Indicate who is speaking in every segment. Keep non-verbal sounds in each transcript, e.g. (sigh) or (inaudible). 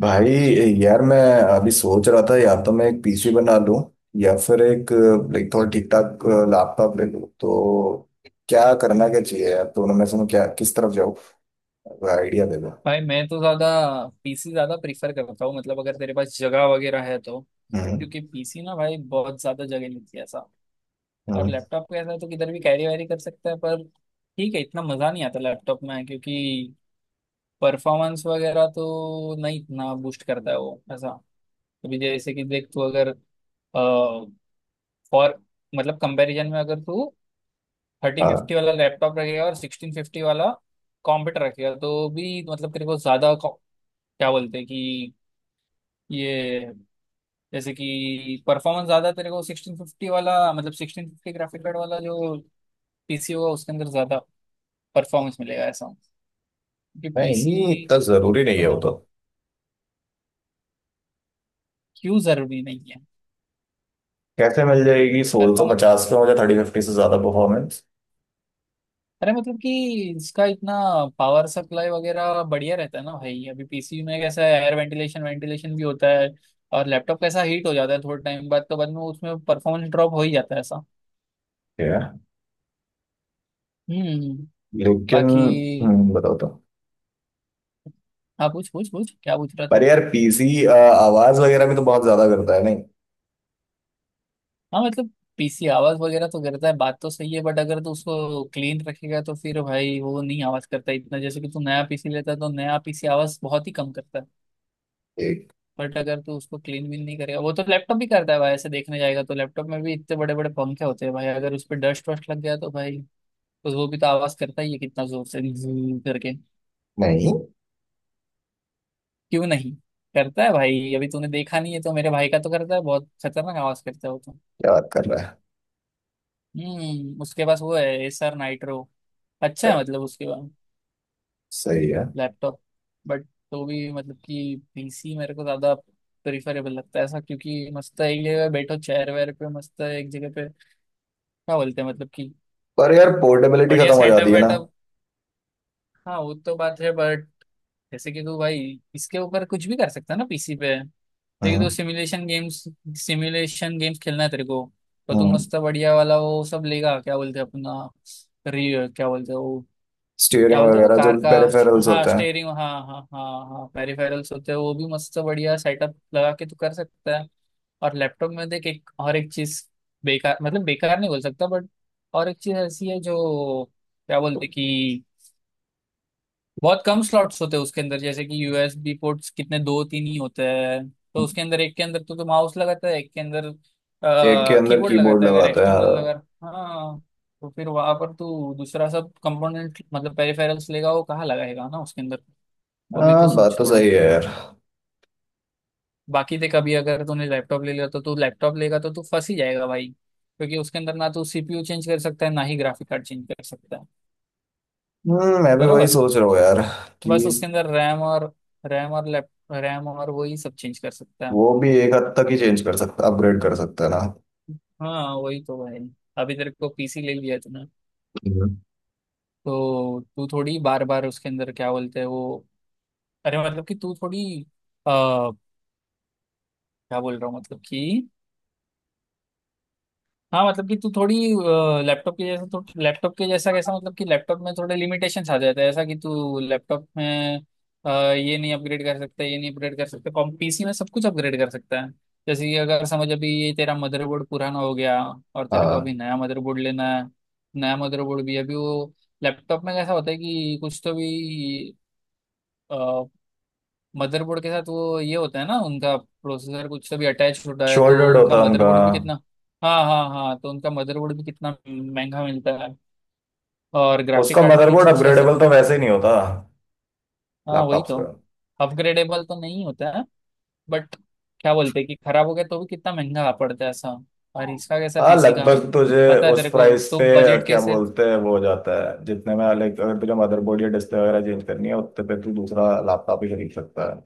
Speaker 1: भाई यार मैं अभी सोच रहा था या तो मैं एक पीसी बना लूं या फिर एक लाइक थोड़ा ठीक ठाक लैपटॉप ले लूं तो क्या करना क्या चाहिए यार? दोनों में से मैं क्या, किस तरफ जाऊँ? आइडिया दे दो।
Speaker 2: भाई मैं तो ज्यादा पीसी ज्यादा प्रीफर करता हूँ। मतलब अगर तेरे पास जगह वगैरह है तो,
Speaker 1: हम्म।
Speaker 2: क्योंकि पीसी ना भाई बहुत ज्यादा जगह लेती है ऐसा। और
Speaker 1: हम्म।
Speaker 2: लैपटॉप का ऐसा है तो किधर भी कैरी वैरी कर सकता है, पर ठीक है इतना मजा नहीं आता लैपटॉप में, क्योंकि परफॉर्मेंस वगैरह तो नहीं इतना बूस्ट करता है वो ऐसा। अभी जैसे कि देख तू अगर फॉर मतलब कंपैरिजन में अगर तू थर्टी
Speaker 1: हाँ।
Speaker 2: फिफ्टी वाला लैपटॉप रखेगा और 1650 वाला कंप्यूटर रखेगा तो भी मतलब तेरे को ज्यादा क्या बोलते हैं कि ये जैसे कि परफॉर्मेंस ज्यादा तेरे को 1650 वाला, मतलब 1650 ग्राफिक कार्ड वाला जो पीसी होगा उसके अंदर ज्यादा परफॉर्मेंस मिलेगा ऐसा। क्योंकि
Speaker 1: नहीं,
Speaker 2: पीसी
Speaker 1: इतना जरूरी नहीं है वो
Speaker 2: मतलब
Speaker 1: तो।
Speaker 2: क्यों जरूरी नहीं
Speaker 1: कैसे मिल जाएगी सोलह सौ
Speaker 2: है।
Speaker 1: पचास पे मुझे 3050 से ज्यादा परफॉर्मेंस?
Speaker 2: अरे मतलब कि इसका इतना पावर सप्लाई वगैरह बढ़िया रहता है ना भाई। अभी पीसी में कैसा है, एयर वेंटिलेशन वेंटिलेशन भी होता है। और लैपटॉप कैसा हीट हो जाता है थोड़े टाइम बाद, तो बाद में उसमें परफॉर्मेंस ड्रॉप हो ही जाता है ऐसा।
Speaker 1: है।
Speaker 2: हम्म।
Speaker 1: लेकिन।
Speaker 2: बाकी,
Speaker 1: बताओ तो।
Speaker 2: हाँ पूछ पूछ पूछ, क्या पूछ रहा
Speaker 1: पर
Speaker 2: था।
Speaker 1: यार पीसी आवाज वगैरह भी तो बहुत ज्यादा करता है नहीं?
Speaker 2: हाँ मतलब पीसी आवाज वगैरह तो करता है, बात तो सही है, बट अगर तो उसको क्लीन रखेगा तो फिर भाई वो नहीं आवाज करता इतना। जैसे कि तू नया पीसी लेता है तो नया पीसी आवाज बहुत ही कम करता है।
Speaker 1: एक।
Speaker 2: बट अगर तू उसको क्लीन भी नहीं करेगा वो तो लैपटॉप भी करता है भाई। ऐसे देखने जाएगा तो लैपटॉप में भी इतने बड़े बड़े पंखे होते हैं भाई, अगर उस पर डस्ट वस्ट लग गया तो भाई तो वो भी तो आवाज करता ही है, कितना जोर से zzzz करके।
Speaker 1: नहीं।
Speaker 2: क्यों नहीं करता है भाई। अभी तूने देखा नहीं है तो, मेरे भाई का तो करता है, बहुत खतरनाक आवाज करता है वो तो।
Speaker 1: क्या बात कर रहा है?
Speaker 2: हम्म। उसके पास वो है एसआर नाइट्रो। अच्छा
Speaker 1: अरे।
Speaker 2: है मतलब उसके पास
Speaker 1: सही है।
Speaker 2: लैपटॉप। बट तो भी मतलब कि पीसी मेरे को ज्यादा प्रिफरेबल लगता है ऐसा, क्योंकि मस्त है, एक जगह बैठो चेयर वेयर पे मस्त है, एक जगह पे क्या बोलते हैं मतलब कि
Speaker 1: पर यार पोर्टेबिलिटी
Speaker 2: बढ़िया
Speaker 1: खत्म हो
Speaker 2: सेटअप
Speaker 1: जाती है ना?
Speaker 2: वेटअप। हाँ वो तो बात है बट जैसे कि तू भाई इसके ऊपर कुछ भी कर सकता है ना पीसी पे। लेकिन तू
Speaker 1: हम्म।
Speaker 2: सिमुलेशन गेम्स खेलना है तेरे को तो तू
Speaker 1: हम्म।
Speaker 2: मस्त बढ़िया वाला वो सब लेगा। क्या बोलते हैं अपना, री क्या बोलते हैं वो, क्या
Speaker 1: स्टीयरिंग
Speaker 2: बोलते हैं वो
Speaker 1: वगैरह जो
Speaker 2: कार का।
Speaker 1: पेरिफेरल्स
Speaker 2: हाँ
Speaker 1: होते हैं।
Speaker 2: स्टेयरिंग, हाँ हाँ हाँ हाँ, पेरिफेरल्स होते हैं वो भी। मस्त बढ़िया सेटअप लगा के तू कर सकता है। और लैपटॉप में देख, एक और एक चीज बेकार, मतलब बेकार नहीं बोल सकता बट और एक चीज ऐसी है जो क्या बोलते हैं कि बहुत कम स्लॉट्स होते हैं उसके अंदर। जैसे कि यूएसबी पोर्ट्स कितने, दो तीन ही होते हैं। तो उसके अंदर एक के अंदर तो माउस लगाता है, एक के अंदर
Speaker 1: एक के अंदर
Speaker 2: कीबोर्ड
Speaker 1: कीबोर्ड
Speaker 2: लगाता है अगर
Speaker 1: लगाते
Speaker 2: एक्सटर्नल
Speaker 1: हैं।
Speaker 2: लगा। हाँ, तो फिर वहां पर तू दूसरा सब कंपोनेंट मतलब पेरिफेरल्स लेगा वो कहाँ लगाएगा ना उसके अंदर। वो भी तो
Speaker 1: हाँ, बात
Speaker 2: सोच
Speaker 1: तो
Speaker 2: थोड़ा।
Speaker 1: सही है यार।
Speaker 2: बाकी देख, अभी अगर तूने लैपटॉप ले लिया, तो तू लैपटॉप लेगा तो तू फंस ही जाएगा भाई, क्योंकि उसके अंदर ना तू सीपीयू चेंज कर सकता है ना ही ग्राफिक कार्ड चेंज कर सकता है।
Speaker 1: मैं भी वही
Speaker 2: बरोबर।
Speaker 1: सोच रहा हूँ यार कि
Speaker 2: बस उसके अंदर रैम और, रैम और लैप रैम और वही सब चेंज कर सकता है।
Speaker 1: वो भी एक हद तक ही चेंज कर सकता, अपग्रेड कर सकता है ना?
Speaker 2: हाँ वही तो भाई। अभी तेरे को पीसी ले लिया तूने
Speaker 1: हम्म।
Speaker 2: तो तू थोड़ी बार बार उसके अंदर क्या बोलते हैं वो, अरे मतलब कि तू थोड़ी, आ, क्या बोल रहा हूँ मतलब कि, हाँ मतलब कि तू थोड़ी लैपटॉप के जैसा, कैसा मतलब कि लैपटॉप में थोड़े लिमिटेशंस आ जाते हैं ऐसा, कि तू लैपटॉप में अ, ये नहीं अपग्रेड कर सकता, ये नहीं अपग्रेड कर सकता, कॉम पीसी में सब कुछ अपग्रेड कर सकता है। जैसे कि अगर समझ, अभी ये तेरा मदरबोर्ड पुराना हो गया और तेरे को अभी
Speaker 1: हाँ।
Speaker 2: नया मदरबोर्ड लेना है। नया मदरबोर्ड भी अभी वो लैपटॉप में कैसा होता है कि कुछ तो भी मदरबोर्ड के साथ वो ये होता है ना, उनका प्रोसेसर कुछ से भी अटैच होता है, तो
Speaker 1: शोल्डर्ड
Speaker 2: उनका
Speaker 1: होता उनका।
Speaker 2: मदरबोर्ड भी कितना, हाँ हाँ हाँ, तो उनका मदरबोर्ड भी कितना महंगा मिलता है। और ग्राफिक
Speaker 1: उसका
Speaker 2: कार्ड भी नहीं
Speaker 1: मदरबोर्ड
Speaker 2: चेंज कर
Speaker 1: अपग्रेडेबल तो
Speaker 2: सकता।
Speaker 1: वैसे ही नहीं होता
Speaker 2: हाँ वही
Speaker 1: लैपटॉप्स
Speaker 2: तो।
Speaker 1: का।
Speaker 2: अपग्रेडेबल तो नहीं होता है बट क्या बोलते हैं कि खराब हो गया तो भी कितना महंगा पड़ता है ऐसा।
Speaker 1: हाँ
Speaker 2: और इसका कैसा
Speaker 1: हाँ,
Speaker 2: पीसी का
Speaker 1: लगभग तुझे
Speaker 2: पता है
Speaker 1: उस
Speaker 2: तेरे को,
Speaker 1: प्राइस
Speaker 2: तो
Speaker 1: पे
Speaker 2: बजट
Speaker 1: क्या
Speaker 2: कैसे।
Speaker 1: बोलते हैं वो हो जाता है, जितने में लाइक अगर तुझे मदरबोर्ड या डिस्प्ले वगैरह चेंज करनी है उतने पे तू दूसरा लैपटॉप ही खरीद सकता है।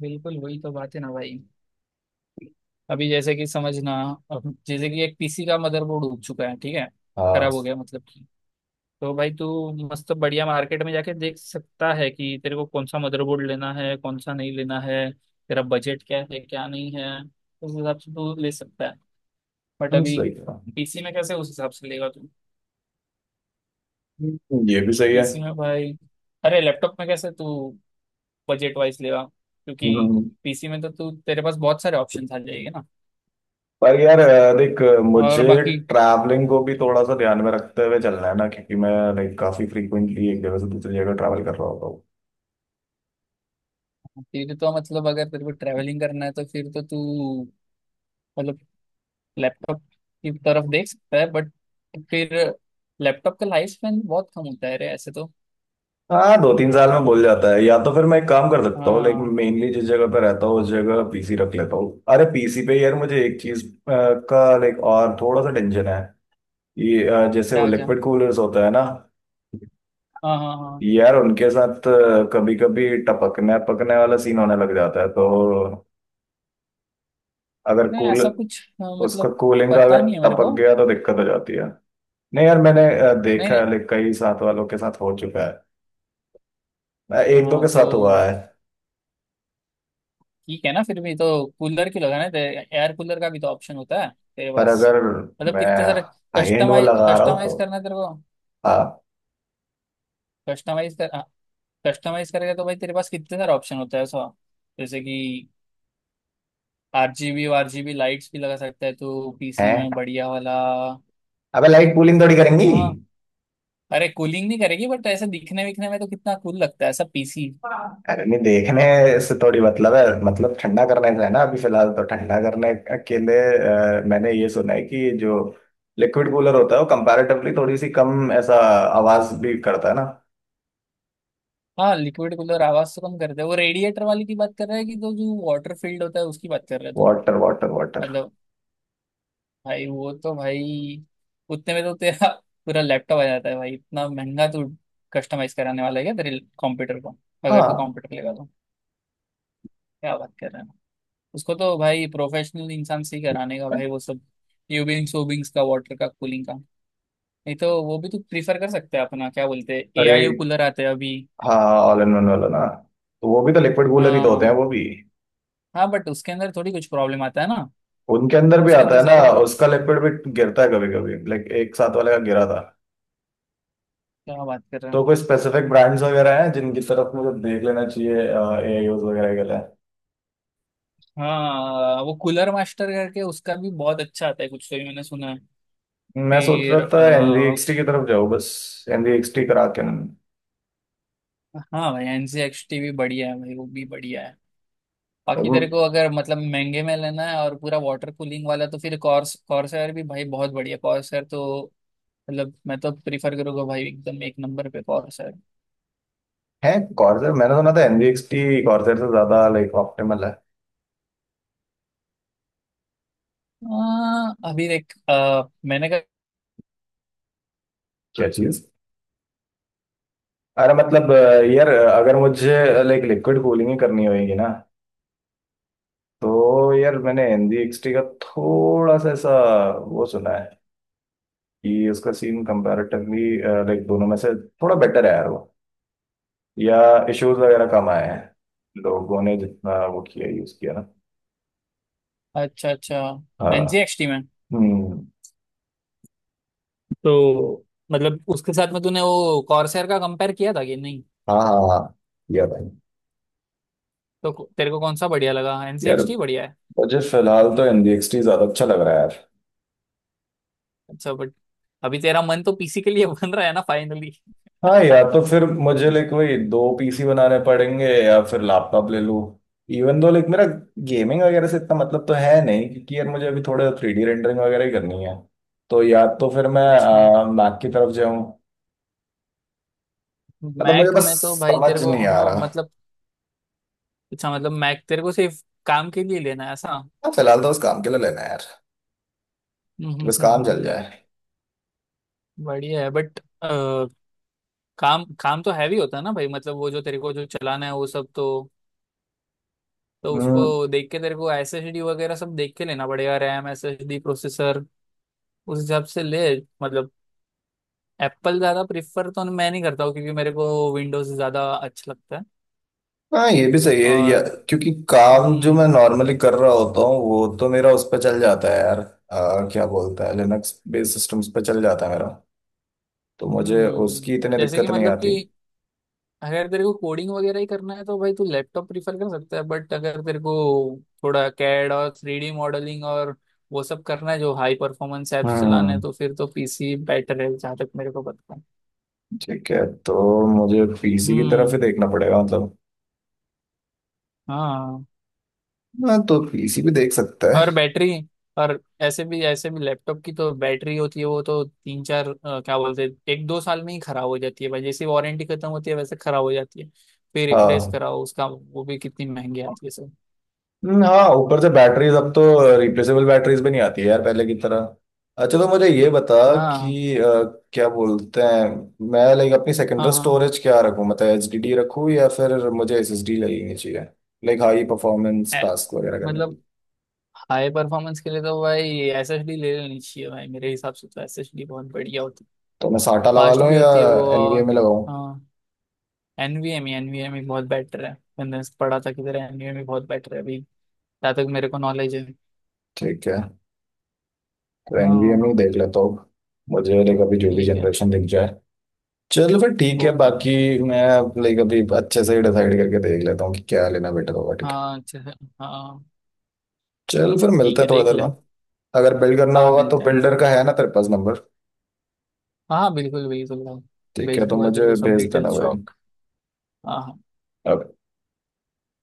Speaker 2: बिल्कुल वही तो बात है ना भाई। अभी जैसे कि समझना, अब जैसे कि एक पीसी का मदरबोर्ड उग चुका है ठीक है,
Speaker 1: हाँ।
Speaker 2: खराब हो गया मतलब, तो भाई तू मस्त बढ़िया मार्केट में जाके देख सकता है कि तेरे को कौन सा मदरबोर्ड लेना है, कौन सा नहीं लेना है, तेरा बजट क्या है क्या नहीं है, उस हिसाब से तू ले सकता है। बट अभी
Speaker 1: सही
Speaker 2: पीसी में कैसे उस हिसाब से लेगा तू,
Speaker 1: है। ये भी सही है।
Speaker 2: पीसी में भाई, अरे लैपटॉप में कैसे तू बजट वाइज लेगा, क्योंकि
Speaker 1: हम्म,
Speaker 2: पीसी में तो तू तेरे पास बहुत सारे ऑप्शन आ जाएंगे ना।
Speaker 1: पर यार देख,
Speaker 2: और
Speaker 1: मुझे
Speaker 2: बाकी,
Speaker 1: ट्रैवलिंग को भी थोड़ा सा ध्यान में रखते हुए चलना है ना, क्योंकि मैं लाइक काफी फ्रीक्वेंटली एक जगह से दूसरी जगह ट्रैवल कर रहा होता हूँ।
Speaker 2: फिर तो मतलब अगर तेरे को ट्रैवलिंग करना है तो फिर तो तू मतलब लैपटॉप की तरफ देख सकता है। बट फिर लैपटॉप का लाइफ स्पेन बहुत कम होता है रे ऐसे तो।
Speaker 1: हाँ, दो तीन साल में बोल जाता है। या तो फिर मैं एक काम कर सकता हूँ, लेकिन
Speaker 2: हाँ
Speaker 1: मेनली जिस जगह पे रहता हूँ उस जगह पीसी रख लेता हूँ। अरे, पीसी पे यार मुझे एक चीज का लाइक और थोड़ा सा टेंशन है। ये जैसे वो
Speaker 2: क्या क्या,
Speaker 1: लिक्विड कूलर्स होता है ना?
Speaker 2: हाँ हाँ हाँ,
Speaker 1: यार उनके साथ कभी कभी टपकने पकने वाला सीन होने लग जाता है। तो अगर
Speaker 2: नहीं
Speaker 1: कूल
Speaker 2: ऐसा कुछ, हाँ,
Speaker 1: उसका
Speaker 2: मतलब
Speaker 1: कूलिंग का
Speaker 2: पता
Speaker 1: अगर
Speaker 2: नहीं है मेरे
Speaker 1: टपक
Speaker 2: को।
Speaker 1: गया तो दिक्कत हो जाती है। नहीं यार, मैंने
Speaker 2: नहीं
Speaker 1: देखा
Speaker 2: नहीं।
Speaker 1: है, लाइक कई साथ वालों के साथ हो चुका है। एक दो
Speaker 2: हाँ
Speaker 1: के
Speaker 2: तो
Speaker 1: साथ हुआ है।
Speaker 2: ठीक है ना, फिर भी तो कूलर क्यों लगाना है, एयर कूलर का भी तो ऑप्शन होता है तेरे
Speaker 1: पर
Speaker 2: पास।
Speaker 1: अगर
Speaker 2: मतलब
Speaker 1: मैं
Speaker 2: कितने सारे,
Speaker 1: हाई एंड वो
Speaker 2: कस्टमाइज
Speaker 1: लगा रहा हूँ
Speaker 2: कस्टमाइज
Speaker 1: तो।
Speaker 2: करना है तेरे को।
Speaker 1: आप।
Speaker 2: कस्टमाइज कर, कस्टमाइज करेगा तो भाई तेरे पास कितने सारे ऑप्शन होता है सो। जैसे कि आरजीबी, आरजीबी लाइट्स भी लगा सकता है तो पीसी
Speaker 1: हैं।
Speaker 2: में बढ़िया वाला।
Speaker 1: अबे, लाइट कूलिंग थोड़ी करेंगी।
Speaker 2: हाँ। अरे कूलिंग नहीं करेगी बट ऐसे दिखने विखने में तो कितना कूल लगता है ऐसा पीसी।
Speaker 1: हाँ। अरे नहीं, देखने से थोड़ी मतलब है, मतलब ठंडा करने से है ना? अभी फिलहाल तो ठंडा करने के लिए मैंने ये सुना है कि जो लिक्विड कूलर होता है वो कंपैरेटिवली थोड़ी सी कम ऐसा आवाज भी करता है ना?
Speaker 2: हाँ लिक्विड कूलर आवाज तो कम करता है, वो रेडिएटर वाली की बात कर रहा है कि, तो जो वाटर फील्ड होता है उसकी बात कर रहा है तू।
Speaker 1: Water water water.
Speaker 2: मतलब भाई वो तो भाई उतने में तो तेरा पूरा लैपटॉप आ जाता है भाई। इतना महंगा तू कस्टमाइज कराने वाला है क्या तेरे कंप्यूटर को, अगर तू
Speaker 1: हाँ।
Speaker 2: कंप्यूटर लेगा तो। क्या बात कर रहा है। उसको तो भाई प्रोफेशनल इंसान से ही कराने का भाई वो सब यूबिंग्स वूबिंग्स का वाटर का कूलिंग का। नहीं तो वो भी तो प्रीफर कर सकते हैं अपना क्या बोलते हैं एआईओ
Speaker 1: रेड।
Speaker 2: कूलर आते हैं अभी।
Speaker 1: हाँ। ऑल इन वन वाला ना? तो वो भी तो लिक्विड कूलर ही तो होते हैं
Speaker 2: हाँ
Speaker 1: वो भी।
Speaker 2: हाँ, बट उसके अंदर थोड़ी कुछ प्रॉब्लम आता है ना,
Speaker 1: उनके अंदर भी
Speaker 2: उसके
Speaker 1: आता
Speaker 2: अंदर
Speaker 1: है ना?
Speaker 2: ज्यादा
Speaker 1: उसका
Speaker 2: प्रॉब्लम।
Speaker 1: लिक्विड भी गिरता है कभी कभी, लाइक एक साथ वाले का गिरा था।
Speaker 2: क्या बात कर रहे
Speaker 1: तो
Speaker 2: हैं।
Speaker 1: कोई स्पेसिफिक ब्रांड्स वगैरह हैं जिनकी तरफ मुझे देख लेना चाहिए ए आई वगैरह के लिए?
Speaker 2: हाँ वो कूलर मास्टर करके उसका भी बहुत अच्छा आता है कुछ तो भी मैंने सुना है।
Speaker 1: मैं सोच रहा
Speaker 2: फिर
Speaker 1: था NZXT की तरफ जाऊँ बस। एनजीएक्सटी करा के
Speaker 2: हाँ भाई एनसीएक्सटी भी बढ़िया है भाई, वो भी बढ़िया है। बाकी तेरे को अगर मतलब महंगे में लेना है और पूरा वाटर कूलिंग वाला तो फिर कॉर्सर भी भाई बहुत बढ़िया, कॉर्सर तो मतलब मैं तो प्रीफर करूंगा भाई, एकदम एक नंबर पे कॉर्सर।
Speaker 1: है। कॉर्सर मैंने सुना था NZXT कॉर्सर से ज्यादा लाइक ऑप्टिमल है।
Speaker 2: अभी देख, मैंने कहा।
Speaker 1: क्या चीज? अरे मतलब यार अगर मुझे लाइक लिक्विड कूलिंग ही करनी होगी ना, तो यार मैंने NZXT का थोड़ा सा ऐसा वो सुना है कि उसका सीन कंपैरेटिवली लाइक दोनों में से थोड़ा बेटर है यार वो, या इश्यूज वगैरह कम आए हैं लोगों ने जितना वो किया यूज किया ना।
Speaker 2: अच्छा अच्छा,
Speaker 1: हाँ।
Speaker 2: एनजीएक्सटी में
Speaker 1: हम्म।
Speaker 2: तो मतलब उसके साथ में तूने वो कॉर्सर का कंपेयर किया था कि नहीं,
Speaker 1: हाँ हाँ हाँ। या भाई।
Speaker 2: तो तेरे को कौन सा बढ़िया लगा,
Speaker 1: यार
Speaker 2: एनजीएक्सटी बढ़िया है।
Speaker 1: मुझे फिलहाल तो NZXT ज्यादा अच्छा लग रहा है यार।
Speaker 2: अच्छा बट अभी तेरा मन तो पीसी के लिए (laughs) बन रहा है ना फाइनली।
Speaker 1: हाँ यार, तो
Speaker 2: (laughs)
Speaker 1: फिर मुझे लाइक वही दो पीसी बनाने पड़ेंगे या फिर लैपटॉप ले लूँ। इवन दो लाइक मेरा गेमिंग वगैरह से इतना मतलब तो है नहीं, क्योंकि यार मुझे अभी थोड़ा 3D रेंडरिंग वगैरह ही करनी है। तो या तो फिर मैं
Speaker 2: अच्छा,
Speaker 1: मैक की तरफ जाऊँ। मतलब मुझे
Speaker 2: मैक
Speaker 1: बस
Speaker 2: में तो भाई तेरे
Speaker 1: समझ
Speaker 2: को,
Speaker 1: नहीं आ
Speaker 2: हाँ
Speaker 1: रहा। हाँ,
Speaker 2: मतलब, अच्छा मतलब मैक तेरे को सिर्फ काम के लिए लेना है ऐसा।
Speaker 1: फिलहाल तो बस काम के लिए लेना है यार, कि बस काम चल
Speaker 2: हम्म।
Speaker 1: जाए।
Speaker 2: बढ़िया है बट काम, काम तो हैवी होता है ना भाई, मतलब वो जो तेरे को जो चलाना है वो सब तो
Speaker 1: हम्म।
Speaker 2: उसको देख के तेरे को एसएसडी वगैरह सब देख के लेना पड़ेगा, रैम एसएसडी प्रोसेसर, उस हिसाब से ले। मतलब एप्पल ज्यादा प्रिफर तो मैं नहीं करता हूँ क्योंकि मेरे को विंडोज ज्यादा अच्छा लगता है।
Speaker 1: हाँ, ये भी सही है, या
Speaker 2: और
Speaker 1: क्योंकि काम जो मैं
Speaker 2: हम्म,
Speaker 1: नॉर्मली कर रहा होता हूँ वो तो मेरा उस पर चल जाता है यार। क्या बोलता है, लिनक्स बेस्ड सिस्टम्स पे चल जाता है मेरा, तो मुझे
Speaker 2: हम्म,
Speaker 1: उसकी इतनी
Speaker 2: जैसे कि
Speaker 1: दिक्कत नहीं
Speaker 2: मतलब
Speaker 1: आती।
Speaker 2: कि अगर तेरे को कोडिंग वगैरह ही करना है तो भाई तू लैपटॉप प्रीफर कर सकता है। बट अगर तेरे को थोड़ा कैड और थ्री डी मॉडलिंग और वो सब करना है जो हाई परफॉर्मेंस एप्स चलाने हैं
Speaker 1: हम्म
Speaker 2: तो फिर तो पीसी बेटर है जहाँ तक मेरे को पता है।
Speaker 1: ठीक है, तो मुझे पीसी की तरफ ही
Speaker 2: हम्म।
Speaker 1: देखना पड़ेगा मतलब।
Speaker 2: हाँ।
Speaker 1: हाँ तो पीसी भी देख सकता है।
Speaker 2: और बैटरी, और ऐसे भी लैपटॉप की तो बैटरी होती है, वो तो तीन चार क्या बोलते हैं एक दो साल में ही खराब हो जाती है भाई। जैसे वारंटी खत्म होती है वैसे खराब हो जाती है। फिर रिप्लेस
Speaker 1: हाँ,
Speaker 2: कराओ उसका वो भी कितनी महंगी आती है सर।
Speaker 1: हाँ, ऊपर से बैटरीज अब तो रिप्लेसेबल बैटरीज भी नहीं आती है यार पहले की तरह। अच्छा तो मुझे ये बता
Speaker 2: हाँ
Speaker 1: कि क्या बोलते हैं, मैं लाइक अपनी
Speaker 2: हाँ
Speaker 1: सेकेंडरी
Speaker 2: हाँ।
Speaker 1: स्टोरेज क्या रखूँ? मतलब HDD रखूँ या फिर मुझे SSD लगनी चाहिए लाइक हाई परफॉर्मेंस
Speaker 2: ए-
Speaker 1: टास्क वगैरह करने के
Speaker 2: मतलब
Speaker 1: लिए?
Speaker 2: हाई परफॉर्मेंस के लिए तो भाई एसएसडी ले लेनी चाहिए भाई, मेरे हिसाब से तो एसएसडी बहुत बढ़िया होती है,
Speaker 1: तो मैं साटा लगा
Speaker 2: फास्ट
Speaker 1: लूँ
Speaker 2: भी
Speaker 1: या
Speaker 2: होती है वो
Speaker 1: NVMe
Speaker 2: और,
Speaker 1: में लगाऊँ?
Speaker 2: हाँ, एनवीएम ही बहुत बेटर है। मैंने पढ़ा था किधर एनवीएम ही बहुत बेटर है, अभी जहाँ तक मेरे को नॉलेज है।
Speaker 1: ठीक है, तो NVMe में
Speaker 2: हाँ।
Speaker 1: ही देख लेता हूँ। मुझे लाइक अभी जो भी
Speaker 2: ठीक है।
Speaker 1: जनरेशन दिख जाए। चलो फिर ठीक है।
Speaker 2: ओके
Speaker 1: बाकी
Speaker 2: ओके।
Speaker 1: मैं लाइक अभी अच्छे से ही डिसाइड करके देख लेता हूँ कि क्या लेना बेटर होगा, ठीक है।
Speaker 2: हाँ अच्छा है। हाँ
Speaker 1: चल फिर मिलते
Speaker 2: ठीक
Speaker 1: हैं
Speaker 2: है
Speaker 1: थोड़ी
Speaker 2: देख
Speaker 1: देर
Speaker 2: ले।
Speaker 1: में। अगर बिल्ड करना
Speaker 2: हाँ
Speaker 1: होगा तो
Speaker 2: मिलते हैं।
Speaker 1: बिल्डर का है ना तेरे पास नंबर?
Speaker 2: हाँ हाँ, बिल्कुल बिल्कुल भाई।
Speaker 1: ठीक है,
Speaker 2: भेज
Speaker 1: तो
Speaker 2: दूंगा तेरे
Speaker 1: मुझे
Speaker 2: को सब
Speaker 1: भेज देना
Speaker 2: डिटेल्स
Speaker 1: भाई।
Speaker 2: शॉप। हाँ हाँ।